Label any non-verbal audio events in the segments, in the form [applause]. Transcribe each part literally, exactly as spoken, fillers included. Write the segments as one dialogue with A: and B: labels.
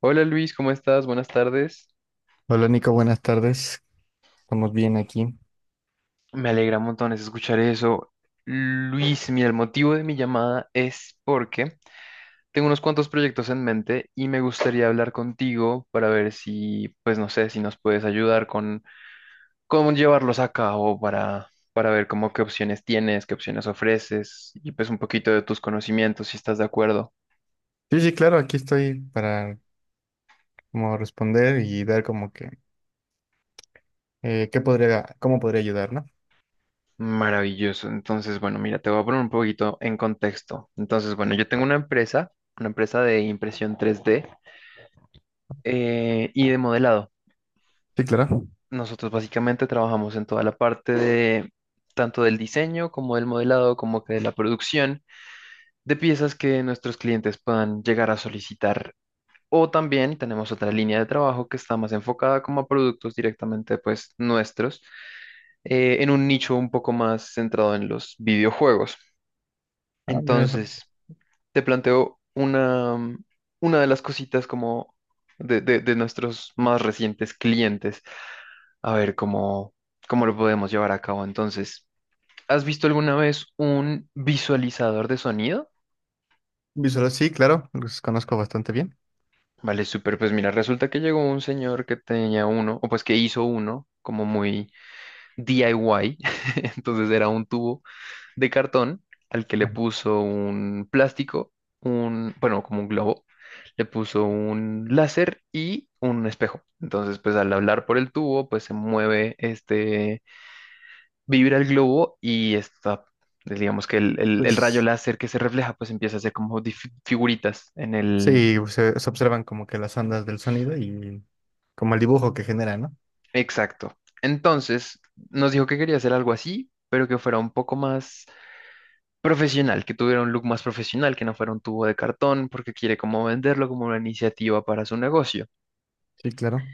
A: Hola Luis, ¿cómo estás? Buenas tardes.
B: Hola Nico, buenas tardes. Estamos bien aquí.
A: Me alegra montones escuchar eso. Luis, mira, el motivo de mi llamada es porque tengo unos cuantos proyectos en mente y me gustaría hablar contigo para ver si, pues no sé, si nos puedes ayudar con cómo llevarlos a cabo para, para ver cómo qué opciones tienes, qué opciones ofreces y pues un poquito de tus conocimientos, si estás de acuerdo.
B: Sí, sí, claro, aquí estoy para como responder y dar como que eh, qué podría, cómo podría ayudar, ¿no?
A: Maravilloso. Entonces, bueno, mira, te voy a poner un poquito en contexto. Entonces, bueno, yo tengo una empresa, una empresa de impresión tres d eh, y de modelado.
B: Sí, claro.
A: Nosotros básicamente trabajamos en toda la parte de tanto del diseño como del modelado, como que de la producción de piezas que nuestros clientes puedan llegar a solicitar. O también tenemos otra línea de trabajo que está más enfocada como a productos directamente pues nuestros, eh, en un nicho un poco más centrado en los videojuegos.
B: Ah, mira esa
A: Entonces, te planteo una, una de las cositas como de, de de nuestros más recientes clientes. A ver cómo, cómo lo podemos llevar a cabo entonces. ¿Has visto alguna vez un visualizador de sonido?
B: visual, sí, claro, los conozco bastante bien.
A: Vale, súper. Pues mira, resulta que llegó un señor que tenía uno, o pues que hizo uno, como muy D I Y. [laughs] Entonces era un tubo de cartón al que le
B: Ajá.
A: puso un plástico, un, bueno, como un globo, le puso un láser y un espejo. Entonces, pues al hablar por el tubo, pues se mueve este vibra el globo y está, pues, digamos que el, el- el rayo
B: Pues
A: láser que se refleja, pues empieza a hacer como dif- figuritas en el...
B: sí, se, se observan como que las ondas del sonido y como el dibujo que genera, ¿no?
A: Exacto. Entonces, nos dijo que quería hacer algo así, pero que fuera un poco más profesional, que tuviera un look más profesional, que no fuera un tubo de cartón, porque quiere como venderlo como una iniciativa para su negocio.
B: Sí, claro.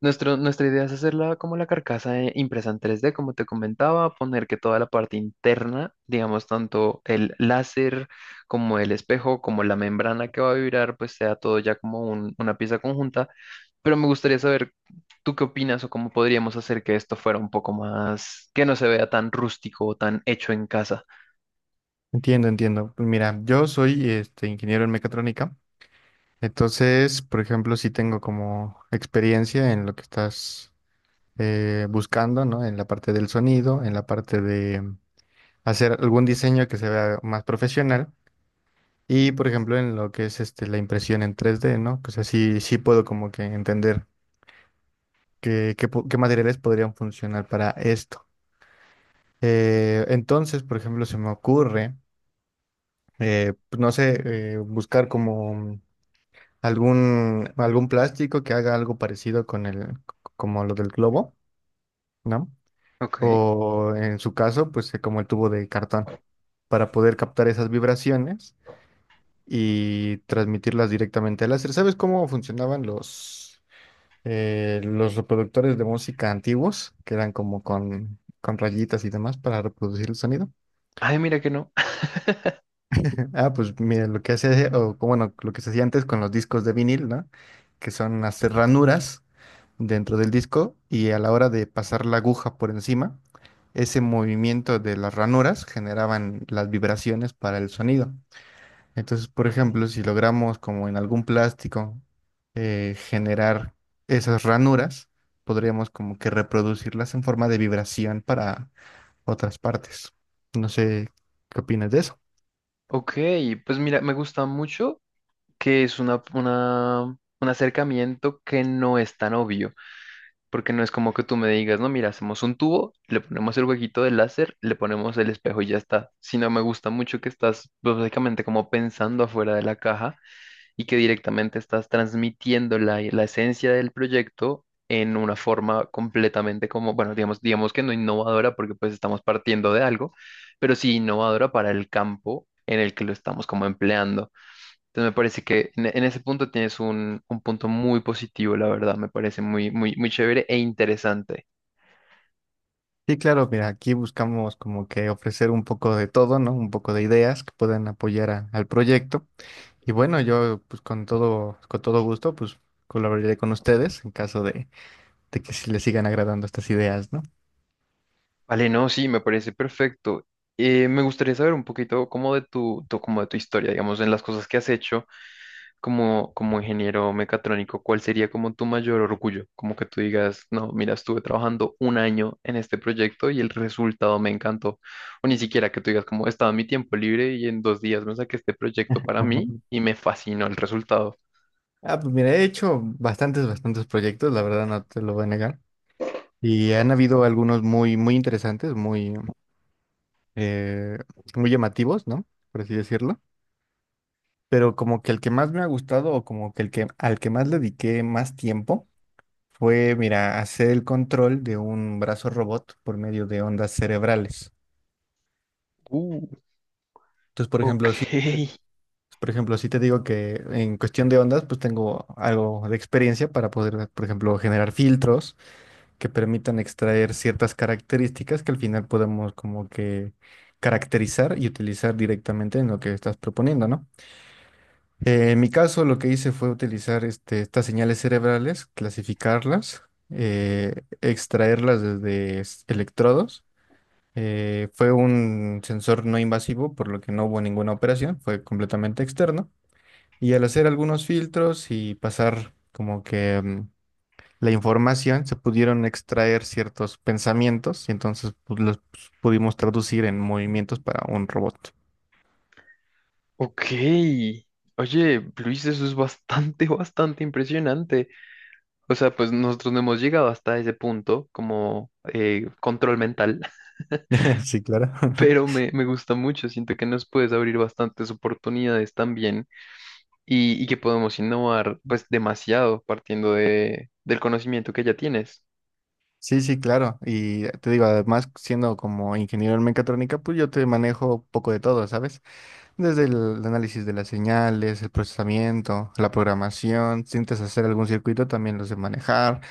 A: Nuestro, nuestra idea es hacerla como la carcasa eh, impresa en tres D, como te comentaba, poner que toda la parte interna, digamos, tanto el láser como el espejo, como la membrana que va a vibrar, pues sea todo ya como un- una pieza conjunta. Pero me gustaría saber, ¿tú qué opinas o cómo podríamos hacer que esto fuera un poco más, que no se vea tan rústico o tan hecho en casa?
B: Entiendo, entiendo. Pues mira, yo soy este ingeniero en mecatrónica, entonces, por ejemplo, sí tengo como experiencia en lo que estás eh, buscando, ¿no? En la parte del sonido, en la parte de mm, hacer algún diseño que se vea más profesional. Y, por ejemplo, en lo que es este, la impresión en tres d, ¿no? O sea, sí, sí puedo como que entender qué, qué po- qué materiales podrían funcionar para esto. Eh, entonces, por ejemplo, se me ocurre, eh, pues, no sé, eh, buscar como mm, algún, algún plástico que haga algo parecido con el, como lo del globo, ¿no?
A: Ok.
B: O en su caso, pues eh, como el tubo de cartón, para poder captar esas vibraciones y transmitirlas directamente al láser. ¿Sabes cómo funcionaban los, eh, los reproductores de música antiguos, que eran como con, con rayitas y demás para reproducir el sonido?
A: Ay, mira que no.
B: [laughs] Ah, pues mira, lo que hace, o como, bueno, lo que se hacía antes con los discos de vinil, ¿no? Que son hacer ranuras dentro del disco y a la hora de pasar la aguja por encima, ese movimiento de las ranuras generaban las vibraciones para el sonido. Entonces, por
A: Ok,
B: ejemplo, si logramos como en algún plástico eh, generar esas ranuras, podríamos como que reproducirlas en forma de vibración para otras partes. No sé qué opinas de eso.
A: ok, pues mira, me gusta mucho. Que es una, una- un acercamiento que no es tan obvio, porque no es como que tú me digas, no, mira, hacemos un tubo, le ponemos el huequito del láser, le ponemos el espejo y ya está. Si no me gusta mucho que estás pues, básicamente como pensando afuera de la caja y que directamente estás transmitiendo la, la esencia del proyecto, en una forma completamente como, bueno, digamos, digamos que no innovadora porque pues estamos partiendo de algo, pero sí innovadora para el campo en el que lo estamos como empleando. Entonces me parece que en, en ese punto tienes un, un punto muy positivo, la verdad. Me parece muy, muy, muy chévere e interesante.
B: Sí, claro, mira, aquí buscamos como que ofrecer un poco de todo, ¿no? Un poco de ideas que puedan apoyar a- al proyecto. Y bueno, yo pues con todo, con todo gusto, pues colaboraré con ustedes en caso de, de que sí les sigan agradando estas ideas, ¿no?
A: Vale, no, sí, me parece perfecto. Eh, me gustaría saber un poquito como de tu, tu- como de tu historia, digamos, en las cosas que has hecho como, como ingeniero mecatrónico, ¿cuál sería como tu mayor orgullo? Como que tú digas, no, mira, estuve trabajando un año en este proyecto y el resultado me encantó. O ni siquiera que tú digas, como estaba en mi tiempo libre y en dos días me saqué este proyecto para mí
B: [laughs]
A: y me fascinó el resultado.
B: Ah, pues mira, he hecho bastantes, bastantes proyectos, la verdad no te lo voy a negar. Y han habido algunos muy, muy interesantes, muy, eh, muy llamativos, ¿no? Por así decirlo. Pero como que el que más me ha gustado o como que el que al que más le dediqué más tiempo fue, mira, hacer el control de un brazo robot por medio de ondas cerebrales.
A: Uh.
B: Entonces, por
A: Ok,
B: ejemplo, sí, por ejemplo, sí te digo que en cuestión de ondas, pues tengo algo de experiencia para poder, por ejemplo, generar filtros que permitan extraer ciertas características que al final podamos como que caracterizar y utilizar directamente en lo que estás proponiendo, ¿no? Eh, en mi caso, lo que hice fue utilizar este, estas señales cerebrales, clasificarlas, eh, extraerlas desde s- electrodos. Eh, fue un sensor no invasivo, por lo que no hubo ninguna operación, fue completamente externo. Y al hacer algunos filtros y pasar como que mm, la información, se pudieron extraer ciertos pensamientos y entonces pues, los pudimos traducir en movimientos para un robot.
A: ok. Oye, Luis, eso es bastante, [laughs] bastante impresionante. O sea, pues nosotros no hemos llegado hasta ese punto como eh, control mental, [laughs]
B: [laughs] Sí, claro.
A: pero
B: [laughs]
A: me, me gusta mucho. Siento que nos puedes abrir bastantes oportunidades también y, y que podemos innovar pues demasiado partiendo de, del conocimiento que ya tienes.
B: Sí, sí, claro. Y te digo, además, siendo como ingeniero en mecatrónica, pues yo te manejo poco de todo, ¿sabes? Desde el análisis de las señales, el procesamiento, la programación, si intentas hacer algún circuito, también los de manejar.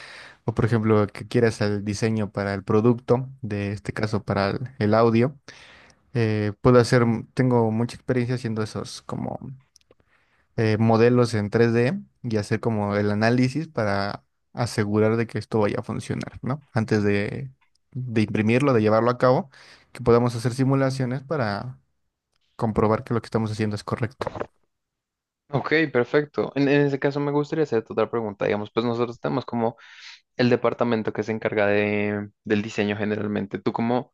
B: O por ejemplo, que quieras el diseño para el producto, de este caso para el el audio. Eh, puedo hacer, mm, tengo mucha experiencia haciendo esos como eh, modelos en tres D y hacer como el análisis para asegurar de que esto vaya a funcionar, ¿no? Antes de, de imprimirlo, de llevarlo a cabo, que podamos hacer simulaciones para comprobar que lo que estamos haciendo es correcto.
A: Ok, perfecto. En, en ese caso me gustaría hacerte otra pregunta. Digamos, pues nosotros tenemos como el departamento que se encarga de, del diseño generalmente. ¿Tú cómo...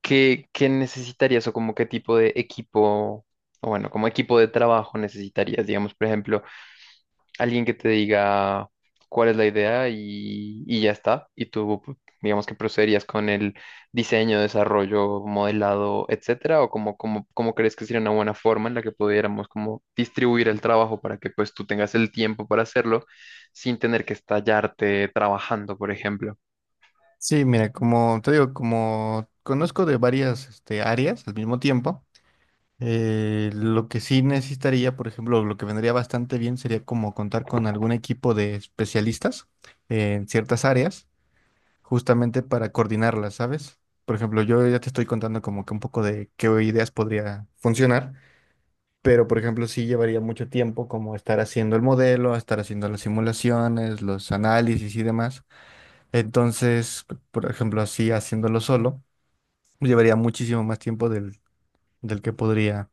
A: ¿Qué, qué necesitarías o como qué tipo de equipo, o bueno, como equipo de trabajo necesitarías? Digamos, por ejemplo, alguien que te diga cuál es la idea y, y ya está, y tú, pu- digamos que procederías con el diseño, desarrollo, modelado, etcétera, o como, como, cómo crees que sería una buena forma en la que pudiéramos como distribuir el trabajo para que pues tú tengas el tiempo para hacerlo sin tener que estallarte trabajando, por ejemplo.
B: Sí, mira, como te digo, como conozco de varias este, áreas al mismo tiempo, Eh, lo que sí necesitaría, por ejemplo, lo que vendría bastante bien sería como contar con algún equipo de especialistas en ciertas áreas, justamente para coordinarlas, ¿sabes? Por ejemplo, yo ya te estoy contando como que un poco de qué ideas podría funcionar, pero por ejemplo, sí llevaría mucho tiempo como estar haciendo el modelo, estar haciendo las simulaciones, los análisis y demás. Entonces, por ejemplo, así haciéndolo solo, llevaría muchísimo más tiempo del, del que podría.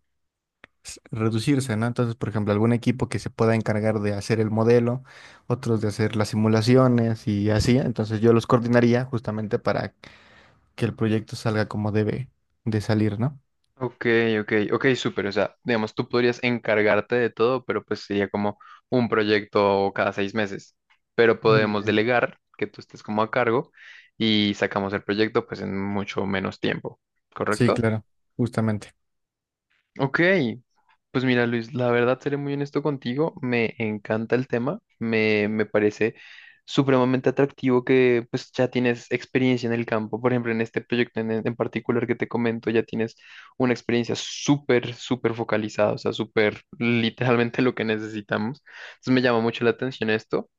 B: S- reducirse, ¿no? Entonces, por ejemplo, algún equipo que se pueda encargar de hacer el modelo, otros de hacer las simulaciones y así. Entonces yo los coordinaría justamente para que el proyecto salga como debe de salir, ¿no?
A: Ok, ok, ok, súper. O sea, digamos, tú podrías encargarte de todo, pero pues sería como un proyecto cada seis meses. Pero
B: Eh,
A: podemos delegar que tú estés como a cargo y sacamos el proyecto pues en mucho menos tiempo,
B: sí,
A: ¿correcto?
B: claro, justamente.
A: Ok, pues mira Luis, la verdad seré muy honesto contigo, me encanta el tema, me, me parece supremamente atractivo que pues ya tienes experiencia en el campo, por ejemplo en este proyecto en, en particular que te comento ya tienes una experiencia súper, súper focalizada, o sea, súper literalmente lo que necesitamos, entonces me llama mucho la atención esto.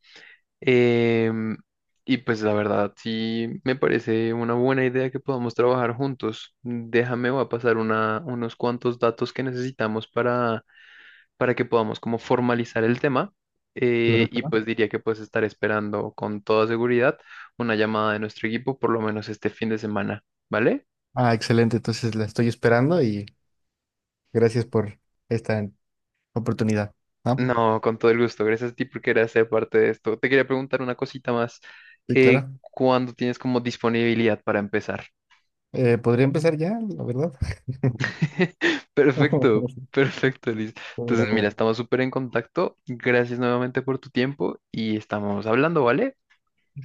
A: Em, y pues la verdad, sí me parece una buena idea que podamos trabajar juntos. Déjame, voy a pasar una, unos cuantos datos que necesitamos para, para que podamos como formalizar el tema. Eh,
B: Claro que
A: y
B: no.
A: pues diría que pues estar esperando con toda seguridad una llamada de nuestro equipo por lo menos este fin de semana, ¿vale?
B: Ah, excelente. Entonces la estoy esperando y gracias por esta oportunidad, ¿no?
A: No, con todo el gusto. Gracias a ti por querer ser parte de esto. Te quería preguntar una cosita más.
B: Sí,
A: Eh,
B: claro.
A: ¿cuándo tienes como disponibilidad para empezar?
B: Eh, podría empezar ya, la verdad.
A: [laughs] Perfecto,
B: [laughs]
A: perfecto, Liz.
B: Mira,
A: Entonces, mira,
B: mira.
A: estamos súper en contacto. Gracias nuevamente por tu tiempo y estamos hablando, ¿vale?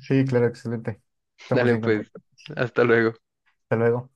B: Sí, claro, excelente.
A: [laughs]
B: Estamos
A: Dale,
B: en
A: pues,
B: contacto.
A: hasta luego.
B: Hasta luego.